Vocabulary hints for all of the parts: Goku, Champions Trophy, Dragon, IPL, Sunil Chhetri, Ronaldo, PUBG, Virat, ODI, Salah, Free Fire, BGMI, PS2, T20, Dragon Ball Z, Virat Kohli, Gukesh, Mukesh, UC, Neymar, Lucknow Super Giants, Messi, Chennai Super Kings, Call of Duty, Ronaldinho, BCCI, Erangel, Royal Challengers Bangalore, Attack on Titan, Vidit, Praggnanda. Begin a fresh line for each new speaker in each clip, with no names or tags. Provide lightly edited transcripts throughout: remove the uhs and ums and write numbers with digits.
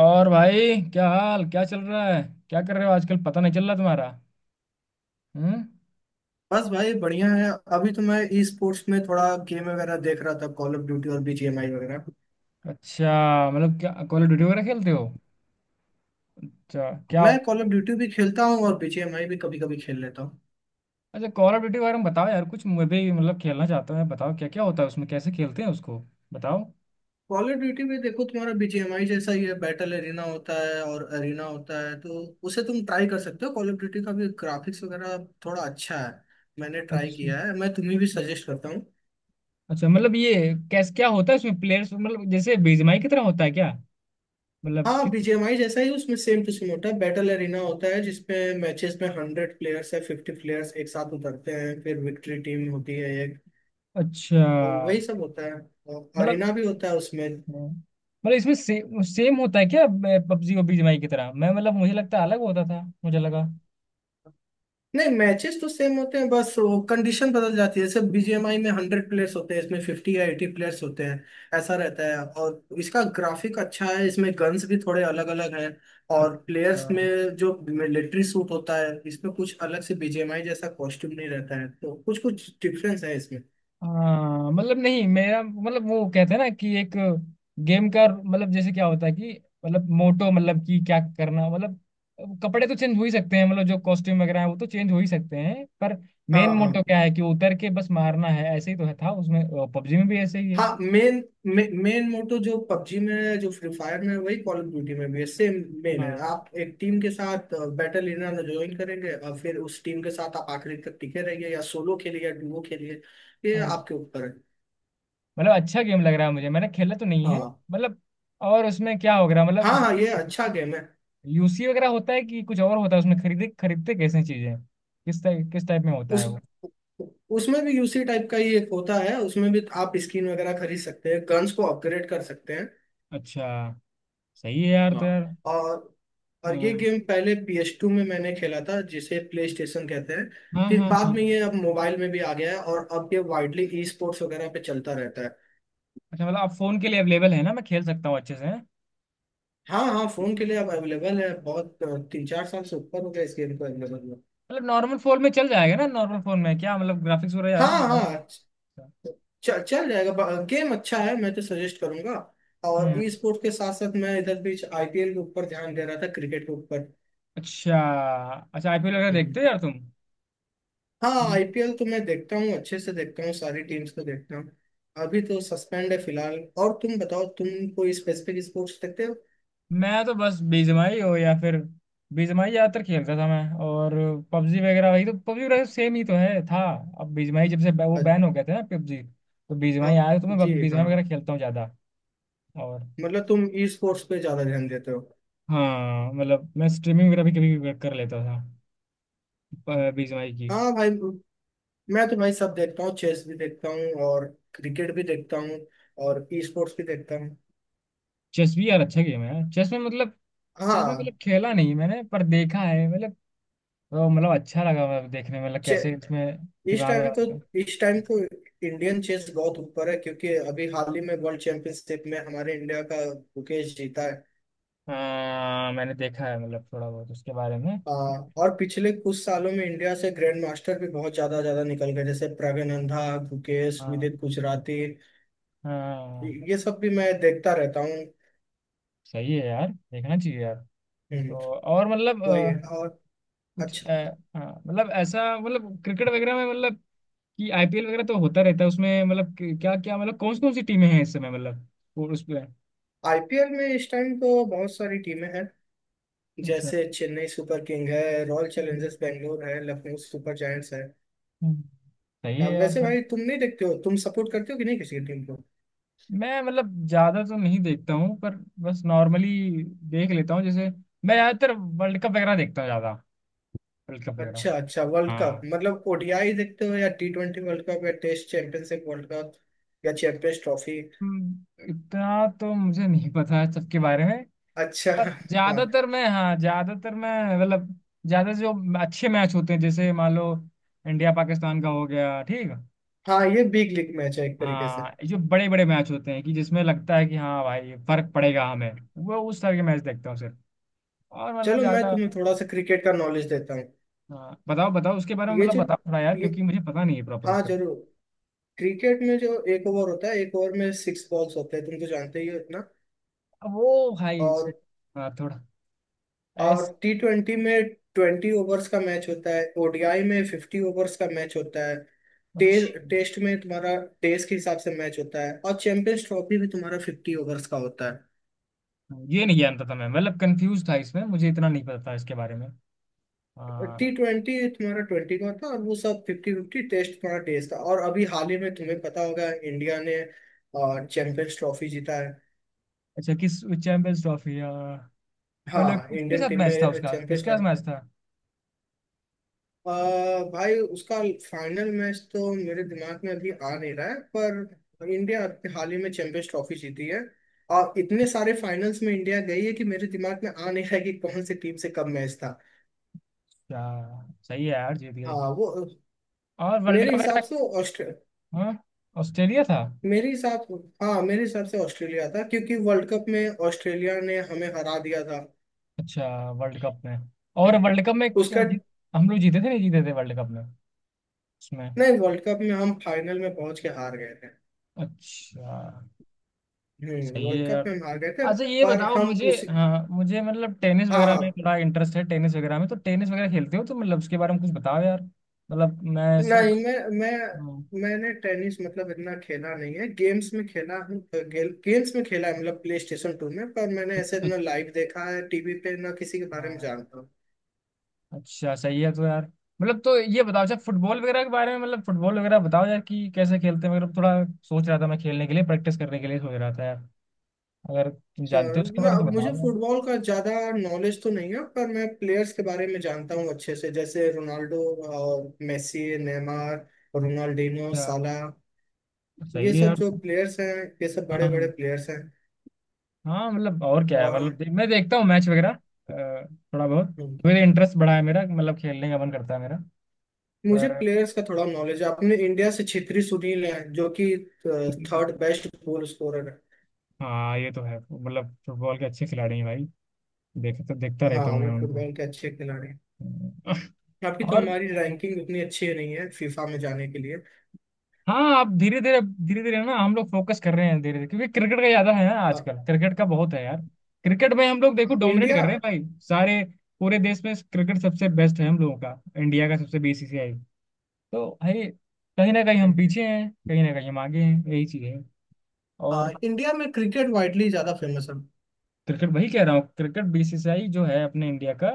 और भाई, क्या हाल, क्या चल रहा है। क्या कर रहे हो आजकल, पता नहीं चल रहा तुम्हारा। हम्म।
बस भाई बढ़िया है। अभी तो मैं ई स्पोर्ट्स में थोड़ा गेम वगैरह देख रहा था, कॉल ऑफ ड्यूटी और बीजीएमआई वगैरह।
अच्छा। मतलब क्या कॉल ऑफ ड्यूटी वगैरह खेलते हो? अच्छा क्या।
मैं कॉल ऑफ ड्यूटी भी खेलता हूँ और बीजीएमआई भी कभी कभी खेल लेता हूँ।
अच्छा, कॉल ऑफ ड्यूटी वगैरह में बताओ यार कुछ, मैं भी मतलब खेलना चाहता हूँ यार। बताओ क्या क्या होता है उसमें, कैसे खेलते हैं उसको। बताओ।
कॉल ऑफ ड्यूटी में देखो, तुम्हारा बीजीएमआई जैसा ही है। बैटल एरिना होता है और एरिना होता है, तो उसे तुम ट्राई कर सकते हो। कॉल ऑफ ड्यूटी का भी ग्राफिक्स वगैरह थोड़ा अच्छा है। मैंने ट्राई
अच्छा।
किया है, मैं तुम्हें भी सजेस्ट करता हूँ।
अच्छा मतलब ये कैसे क्या होता है उसमें? प्लेयर्स मतलब जैसे बीजीएमआई की तरह होता है क्या? मतलब
हाँ,
किस।
बीजीएमआई जैसा ही उसमें सेम टू सेम होता है। बैटल एरिना होता है, जिसमें मैचेस में 100 प्लेयर्स है, 50 प्लेयर्स एक साथ उतरते हैं, फिर विक्ट्री टीम होती है
अच्छा।
और वही सब होता है। और
मतलब,
अरेना भी होता है उसमें।
मतलब इसमें से, सेम होता है क्या? पबजी और बीजीएमआई की तरह, मैं मतलब मुझे लगता है अलग होता था, मुझे लगा।
नहीं, मैचेस तो सेम होते हैं, बस वो कंडीशन बदल जाती है। जैसे बीजीएमआई में 100 प्लेयर्स होते हैं, इसमें 50 या 80 प्लेयर्स होते हैं। ऐसा रहता है। और इसका ग्राफिक अच्छा है, इसमें गन्स भी थोड़े अलग अलग हैं। और
अच्छा।
प्लेयर्स में जो मिलिट्री सूट होता है इसमें, कुछ अलग से बीजीएमआई जैसा कॉस्ट्यूम नहीं रहता है, तो कुछ कुछ डिफरेंस है इसमें।
हाँ मतलब नहीं, मेरा मतलब वो कहते हैं ना कि एक गेम का मतलब जैसे क्या होता है कि, मतलब मोटो मतलब कि क्या करना मतलब। कपड़े तो चेंज हो ही सकते हैं, मतलब जो कॉस्ट्यूम वगैरह है वो तो चेंज हो ही सकते हैं, पर
हाँ,
मेन
हाँ।
मोटो क्या है? कि उतर के बस मारना है, ऐसे ही तो है था उसमें। पबजी में भी ऐसे ही है।
हाँ, मेन मेन मोटो जो पबजी में है, जो फ्री फायर में है, वही कॉल ऑफ ड्यूटी में भी है। सेम मेन है,
हाँ
आप एक टीम के साथ बैटल एरिया में ज्वाइन करेंगे और फिर उस टीम के साथ आप आखिरी तक टिके रहिए, या सोलो खेलिए, या डुओ खेलिए। ये
हाँ,
आपके ऊपर है।
मतलब अच्छा गेम लग रहा है मुझे, मैंने खेला तो नहीं है।
हाँ,
मतलब और उसमें क्या हो रहा है, मतलब
हाँ, हाँ,
उसमें
ये अच्छा गेम है।
यूसी वगैरह होता है कि कुछ और होता है उसमें? खरीदे खरीदते कैसे चीजें, किस टाइप में होता है
उस
वो?
उसमें भी यूसी टाइप का ही एक होता है, उसमें भी आप स्किन वगैरह खरीद सकते हैं, गन्स को अपग्रेड कर सकते हैं।
अच्छा। सही है यार,
हाँ।
तो यार।
और
अ,
और ये गेम पहले PS2 में मैंने खेला था, जिसे प्ले स्टेशन कहते हैं।
हाँ
फिर
हाँ
बाद
हाँ।
में ये अब मोबाइल में भी आ गया है और अब ये वाइडली ई स्पोर्ट्स वगैरह पे चलता रहता है।
अच्छा मतलब आप फोन के लिए अवेलेबल है ना? मैं खेल सकता हूँ अच्छे से हैं?
हाँ, हाँ, फोन के लिए अब अवेलेबल है। बहुत 3-4 साल से ऊपर हो गया इस गेम को अवेलेबल हुआ।
मतलब नॉर्मल फोन में चल जाएगा ना? नॉर्मल फोन में क्या, मतलब ग्राफिक्स वगैरह यार
हाँ,
जाएगा?
हाँ, चल चल जाएगा। गेम अच्छा है, मैं तो सजेस्ट करूंगा। और
हम्म।
ई स्पोर्ट्स के साथ साथ मैं इधर बीच आईपीएल के ऊपर ध्यान दे रहा था, क्रिकेट के ऊपर।
अच्छा। अच्छा, आईपीएल वगैरह
हम्म।
देखते
हम्म।
हो यार तुम?
हाँ, आईपीएल तो मैं देखता हूँ, अच्छे से देखता हूँ, सारी टीम्स को देखता हूँ। अभी तो सस्पेंड है फिलहाल। और तुम बताओ, तुम कोई स्पेसिफिक स्पोर्ट्स देखते हो?
मैं तो बस बीजीएमआई हो या फिर बीजीएमआई ज्यादातर खेलता था मैं। और पबजी वगैरह वही, तो पबजी वगैरह सेम ही तो है था। अब बीजीएमआई, जब से वो
अच्छा,
बैन हो गए थे ना पबजी, तो बीजीएमआई
हाँ,
आया, तो
जी
मैं
हाँ,
बीजीएमआई वगैरह खेलता हूँ ज्यादा। और
मतलब तुम ई स्पोर्ट्स पे ज्यादा ध्यान देते हो?
हाँ, मतलब मैं स्ट्रीमिंग वगैरह भी कभी कभी कर लेता था, बीजीएमआई की।
हाँ भाई, मैं तो भाई सब देखता हूँ, चेस भी देखता हूँ और क्रिकेट भी देखता हूँ और ई स्पोर्ट्स भी देखता हूँ।
चेस भी यार अच्छा गेम है यार। चेस में मतलब, चेस में मतलब
हाँ।
खेला नहीं है मैंने, पर देखा है मतलब। तो मतलब अच्छा लगा, मतलब देखने में, मतलब
चे-
कैसे इसमें
इस
दिमाग
टाइम तो
वगैरह।
इस टाइम तो इंडियन चेस बहुत ऊपर है, क्योंकि अभी हाल ही में वर्ल्ड चैंपियनशिप में हमारे इंडिया का मुकेश जीता है।
हाँ, मैंने देखा है मतलब थोड़ा बहुत उसके बारे में।
हाँ, और पिछले कुछ सालों में इंडिया से ग्रैंड मास्टर भी बहुत ज्यादा ज्यादा निकल गए, जैसे प्रगनंदा, गुकेश,
हाँ
विदित गुजराती।
हाँ।
ये सब भी मैं देखता रहता हूँ।
सही है यार, देखना चाहिए यार। तो
हम्म,
और मतलब
वही। और
कुछ
अच्छा,
हाँ, मतलब ऐसा, मतलब क्रिकेट वगैरह में मतलब कि आईपीएल वगैरह तो होता रहता है उसमें, मतलब क्या क्या, मतलब कौन कौन सी टीमें हैं इस समय मतलब? और उस पे।
आईपीएल में इस टाइम तो बहुत सारी टीमें हैं,
अच्छा।
जैसे चेन्नई सुपर किंग है, रॉयल चैलेंजर्स बेंगलोर है, लखनऊ सुपर जायंट्स है।
हम्म। सही है
अब
यार,
वैसे
पर
भाई, तुम नहीं देखते हो? तुम सपोर्ट करते हो कि नहीं किसी टीम को?
मैं मतलब ज्यादा तो नहीं देखता हूँ, पर बस नॉर्मली देख लेता हूँ जैसे। मैं ज्यादातर वर्ल्ड कप वगैरह देखता हूँ ज्यादा, वर्ल्ड कप वगैरह।
अच्छा, अच्छा, वर्ल्ड कप
हाँ।
मतलब ओडीआई देखते हो, या T20 वर्ल्ड कप, या टेस्ट चैंपियनशिप वर्ल्ड कप, या चैंपियंस ट्रॉफी?
हम्म, इतना तो मुझे नहीं पता है सबके बारे में,
अच्छा।
पर
हाँ,
ज्यादातर मैं, हाँ ज्यादातर मैं, मतलब ज्यादा जो अच्छे मैच होते हैं, जैसे मान लो इंडिया पाकिस्तान का हो गया, ठीक।
हाँ, ये बिग लीग मैच है एक तरीके से।
हाँ, जो बड़े बड़े मैच होते हैं कि जिसमें लगता है कि हाँ भाई फर्क पड़ेगा हमें, वो उस तरह के मैच देखता हूँ सिर्फ। और मतलब
चलो, मैं
ज्यादा।
तुम्हें थोड़ा सा क्रिकेट का नॉलेज देता हूँ।
हाँ बताओ बताओ उसके बारे में,
ये
मतलब
जो
बताओ थोड़ा यार,
ये
क्योंकि मुझे पता नहीं है प्रॉपर
हाँ,
उसके।
जरूर। क्रिकेट में जो एक ओवर होता है, एक ओवर में 6 बॉल्स होते हैं, तुम तो जानते ही हो इतना।
अब वो भाई उससे,
और
हाँ थोड़ा
और
ऐस
T20 में 20 ओवर्स का मैच होता है, ओडीआई में 50 ओवर्स का मैच होता है।
अच्छा।
टेस्ट टेस्ट में तुम्हारा टेस्ट के हिसाब से मैच होता है, और चैंपियंस ट्रॉफी में तुम्हारा 50 ओवर्स का होता है।
ये नहीं जानता था मैं, मतलब कंफ्यूज था इसमें, मुझे इतना नहीं पता था इसके बारे में। हाँ।
T20 तुम्हारा 20 का था, और वो सब 50-50। टेस्ट तुम्हारा टेस्ट था। और अभी हाल ही में तुम्हें पता होगा, इंडिया ने चैंपियंस ट्रॉफी जीता है।
अच्छा, किस चैंपियंस ट्रॉफी या? मतलब
हाँ,
किसके
इंडियन
साथ
टीम
मैच था
में
उसका,
चैंपियंस
किसके साथ
ट्रॉफी।
मैच था?
भाई, उसका फाइनल मैच तो मेरे दिमाग में अभी आ नहीं रहा है, पर इंडिया अभी हाल ही में चैंपियंस ट्रॉफी जीती है। और इतने सारे फाइनल्स में इंडिया गई है कि मेरे दिमाग में आ नहीं रहा है कि कौन सी टीम से कब मैच था।
क्या। सही है यार, जीत गई।
हाँ, वो
और वर्ल्ड
मेरे
कप
हिसाब
वगैरह?
से ऑस्ट्रेलिया।
हाँ, ऑस्ट्रेलिया था।
मेरे हिसाब हाँ, मेरे हिसाब से ऑस्ट्रेलिया था, क्योंकि वर्ल्ड कप में ऑस्ट्रेलिया ने हमें हरा दिया था।
अच्छा। वर्ल्ड कप में,
हाँ,
और वर्ल्ड कप में
उसका।
क्या हम लोग जीते थे, नहीं जीते थे वर्ल्ड कप में? उसमें?
नहीं, वर्ल्ड कप में हम फाइनल में पहुंच के हार गए थे।
अच्छा।
हम्म,
सही है
वर्ल्ड कप
यार।
में हम हार गए थे।
अच्छा ये
पर
बताओ
हम
मुझे,
उसी
हाँ, मुझे मतलब टेनिस
हाँ,
वगैरह में
हाँ,
थोड़ा इंटरेस्ट है, टेनिस वगैरह में, तो टेनिस वगैरह खेलते हो तो मतलब उसके बारे में कुछ बताओ यार, मतलब मैं सो।
नहीं,
हाँ।
मैंने टेनिस मतलब इतना खेला नहीं है, गेम्स में खेला हूँ। गेम्स में खेला है, मतलब प्ले स्टेशन टू में। पर मैंने ऐसे
अच्छा।
ना लाइव देखा है टीवी पे, ना किसी के बारे में
हाँ,
जानता हूँ।
अच्छा, सही है तो यार। मतलब तो ये बताओ, अच्छा फुटबॉल वगैरह के बारे में, मतलब फुटबॉल वगैरह बताओ यार कि कैसे खेलते हैं, मतलब थोड़ा सोच रहा था मैं खेलने के लिए, प्रैक्टिस करने के लिए सोच रहा था यार। अगर तुम जानते
चल
हो उसके
ना,
बारे में तो
मुझे
बताओ।
फुटबॉल का ज्यादा नॉलेज तो नहीं है, पर मैं प्लेयर्स के बारे में जानता हूँ अच्छे से, जैसे रोनाल्डो और मेसी, नेमार, रोनाल्डिनो,
यार
साला।
अच्छा, सही
ये
है
सब
यार।
जो प्लेयर्स हैं, ये सब
हाँ
बड़े बड़े
हाँ।
प्लेयर्स हैं।
हाँ, मतलब और क्या है,
और
मतलब
हम
मैं देखता हूँ मैच वगैरह अ, थोड़ा बहुत।
हम्म,
मेरा इंटरेस्ट बढ़ा है मेरा, मतलब खेलने का मन करता है मेरा,
मुझे
पर।
प्लेयर्स का थोड़ा नॉलेज है, अपने इंडिया से छित्री सुनील है, जो कि थर्ड बेस्ट गोल स्कोरर
हाँ, ये तो है, मतलब फुटबॉल के अच्छे खिलाड़ी हैं भाई। देख तो देखता
है। हाँ,
रहता हूँ
वो
मैं उनको।
फुटबॉल के अच्छे खिलाड़ी हैं। अभी तो
और
हमारी रैंकिंग उतनी अच्छी नहीं है फीफा में जाने के लिए।
हाँ, आप धीरे धीरे, धीरे धीरे ना हम लोग फोकस कर रहे हैं धीरे धीरे, क्योंकि क्रिकेट का ज्यादा है ना,
हाँ,
आजकल क्रिकेट का बहुत है यार। क्रिकेट में हम लोग देखो डोमिनेट
इंडिया।
कर रहे हैं भाई, सारे, पूरे देश में क्रिकेट सबसे बेस्ट है हम लोगों का, इंडिया का सबसे, बीसीसीआई। तो भाई कहीं ना कहीं हम पीछे हैं, कहीं ना कहीं हम आगे हैं, यही चीज है।
हाँ,
और
इंडिया में क्रिकेट वाइडली ज्यादा फेमस है।
क्रिकेट, वही कह रहा हूँ, क्रिकेट बीसीसीआई जो है अपने इंडिया का,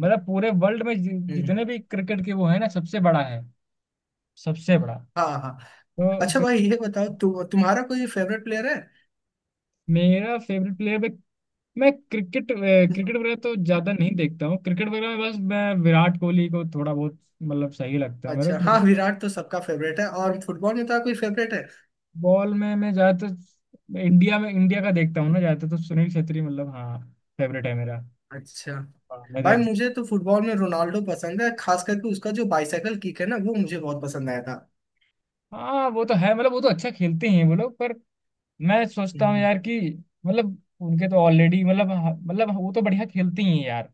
मतलब पूरे वर्ल्ड में
हम्म।
जितने भी क्रिकेट के, वो है ना सबसे बड़ा है। सबसे बड़ा।
हाँ, हाँ।
तो
अच्छा
फिर।
भाई, ये बताओ, तुम्हारा कोई फेवरेट प्लेयर है?
मेरा फेवरेट प्लेयर भी, मैं क्रिकेट क्रिकेट वगैरह तो ज्यादा नहीं देखता हूँ, क्रिकेट वगैरह में बस मैं विराट कोहली को थोड़ा बहुत मतलब सही लगता है मेरे
अच्छा,
को।
हाँ, विराट तो सबका फेवरेट है। और फुटबॉल में तो कोई फेवरेट है?
बॉल में मैं ज्यादातर इंडिया में, इंडिया का देखता हूँ ना ज्यादातर, तो सुनील छेत्री मतलब हाँ, फेवरेट है मेरा।
अच्छा
हाँ, मैं
भाई,
देख।
मुझे तो फुटबॉल में रोनाल्डो पसंद है, खास करके उसका जो बाइसाइकिल किक है ना, वो मुझे बहुत पसंद आया था।
हाँ, वो तो है, मतलब वो तो अच्छा खेलते हैं वो लोग, पर मैं सोचता हूँ
हम्म।
यार कि मतलब उनके तो ऑलरेडी मतलब, मतलब वो तो बढ़िया खेलती हैं यार,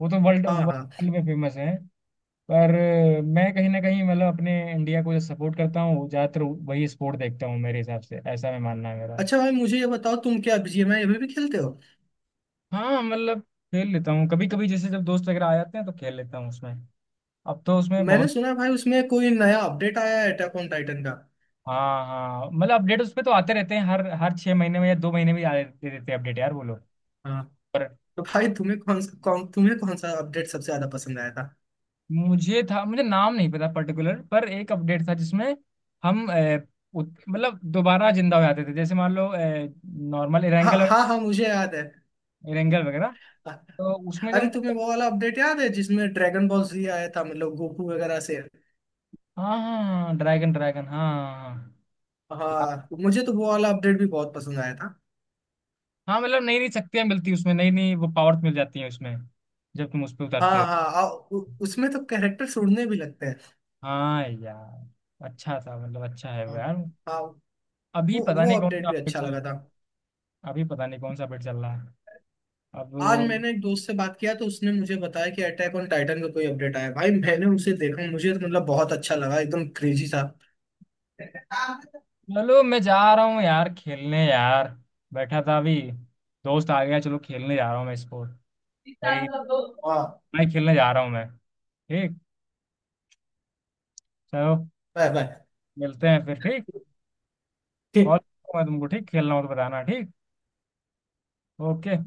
वो तो वर्ल्ड
हाँ, हाँ।
वर्ल्ड में फेमस है, पर मैं कहीं ना कहीं मतलब अपने इंडिया को जो सपोर्ट करता हूँ ज्यादातर, वही स्पोर्ट देखता हूँ, मेरे हिसाब से ऐसा मैं, मानना है मेरा।
अच्छा भाई, मुझे ये बताओ, तुम क्या बीजीएमआई अभी भी खेलते हो?
हाँ मतलब खेल लेता हूँ कभी कभी, जैसे जब दोस्त वगैरह आ जाते हैं तो खेल लेता हूँ उसमें। अब तो उसमें
मैंने
बहुत।
सुना है भाई, उसमें कोई नया अपडेट आया है अटैक ऑन टाइटन का।
हाँ हाँ, मतलब अपडेट उसमें तो आते रहते हैं, हर हर 6 महीने में या 2 महीने में आ दे, देते हैं अपडेट यार वो लोग।
हाँ, तो भाई, तुम्हें कौन सा अपडेट सबसे ज्यादा पसंद आया?
मुझे था, मुझे नाम नहीं पता पर्टिकुलर, पर एक अपडेट था जिसमें हम मतलब दोबारा जिंदा हो जाते थे, जैसे मान लो नॉर्मल
हाँ,
इरेंगल,
हाँ, हाँ, मुझे याद है।
इरेंगल वगैरह, तो उसमें जो
अरे,
हम।
तुम्हें वो वाला अपडेट याद है जिसमें ड्रैगन बॉल जी आया था, मतलब गोकू वगैरह से?
हाँ हाँ, ड्रैगन ड्रैगन हाँ। ड्रैगन, हाँ हाँ।
हाँ, मुझे तो वो वाला अपडेट भी बहुत पसंद आया था।
हाँ, मतलब नई नई शक्तियां मिलती है उसमें, नई नई वो पावर्स मिल जाती हैं उसमें, जब तुम उस पर
हाँ,
उतरते हो।
हाँ, उसमें तो कैरेक्टर उड़ने भी लगते हैं।
हाँ यार, अच्छा था, मतलब अच्छा है वो
हाँ,
यार।
हाँ,
अभी
वो
पता
वो
नहीं कौन सा
अपडेट भी
अपडेट
अच्छा
चल रहा
लगा
है।
था।
अभी पता नहीं कौन सा अपडेट चल रहा है
आज
अब।
मैंने एक दोस्त से बात किया, तो उसने मुझे बताया कि अटैक ऑन टाइटन का कोई अपडेट आया है। भाई मैंने उसे देखा, मुझे तो मतलब बहुत अच्छा लगा, एकदम क्रेजी था।
चलो मैं जा रहा हूँ यार खेलने यार, बैठा था अभी, दोस्त आ गया, चलो खेलने जा रहा हूँ मैं, स्पोर्ट। भाई
वाह।
मैं खेलने जा रहा हूँ मैं, ठीक। चलो
बाय बाय।
मिलते हैं फिर, ठीक। कॉल, मैं तुमको ठीक, खेलना हो तो बताना, ठीक। ओके।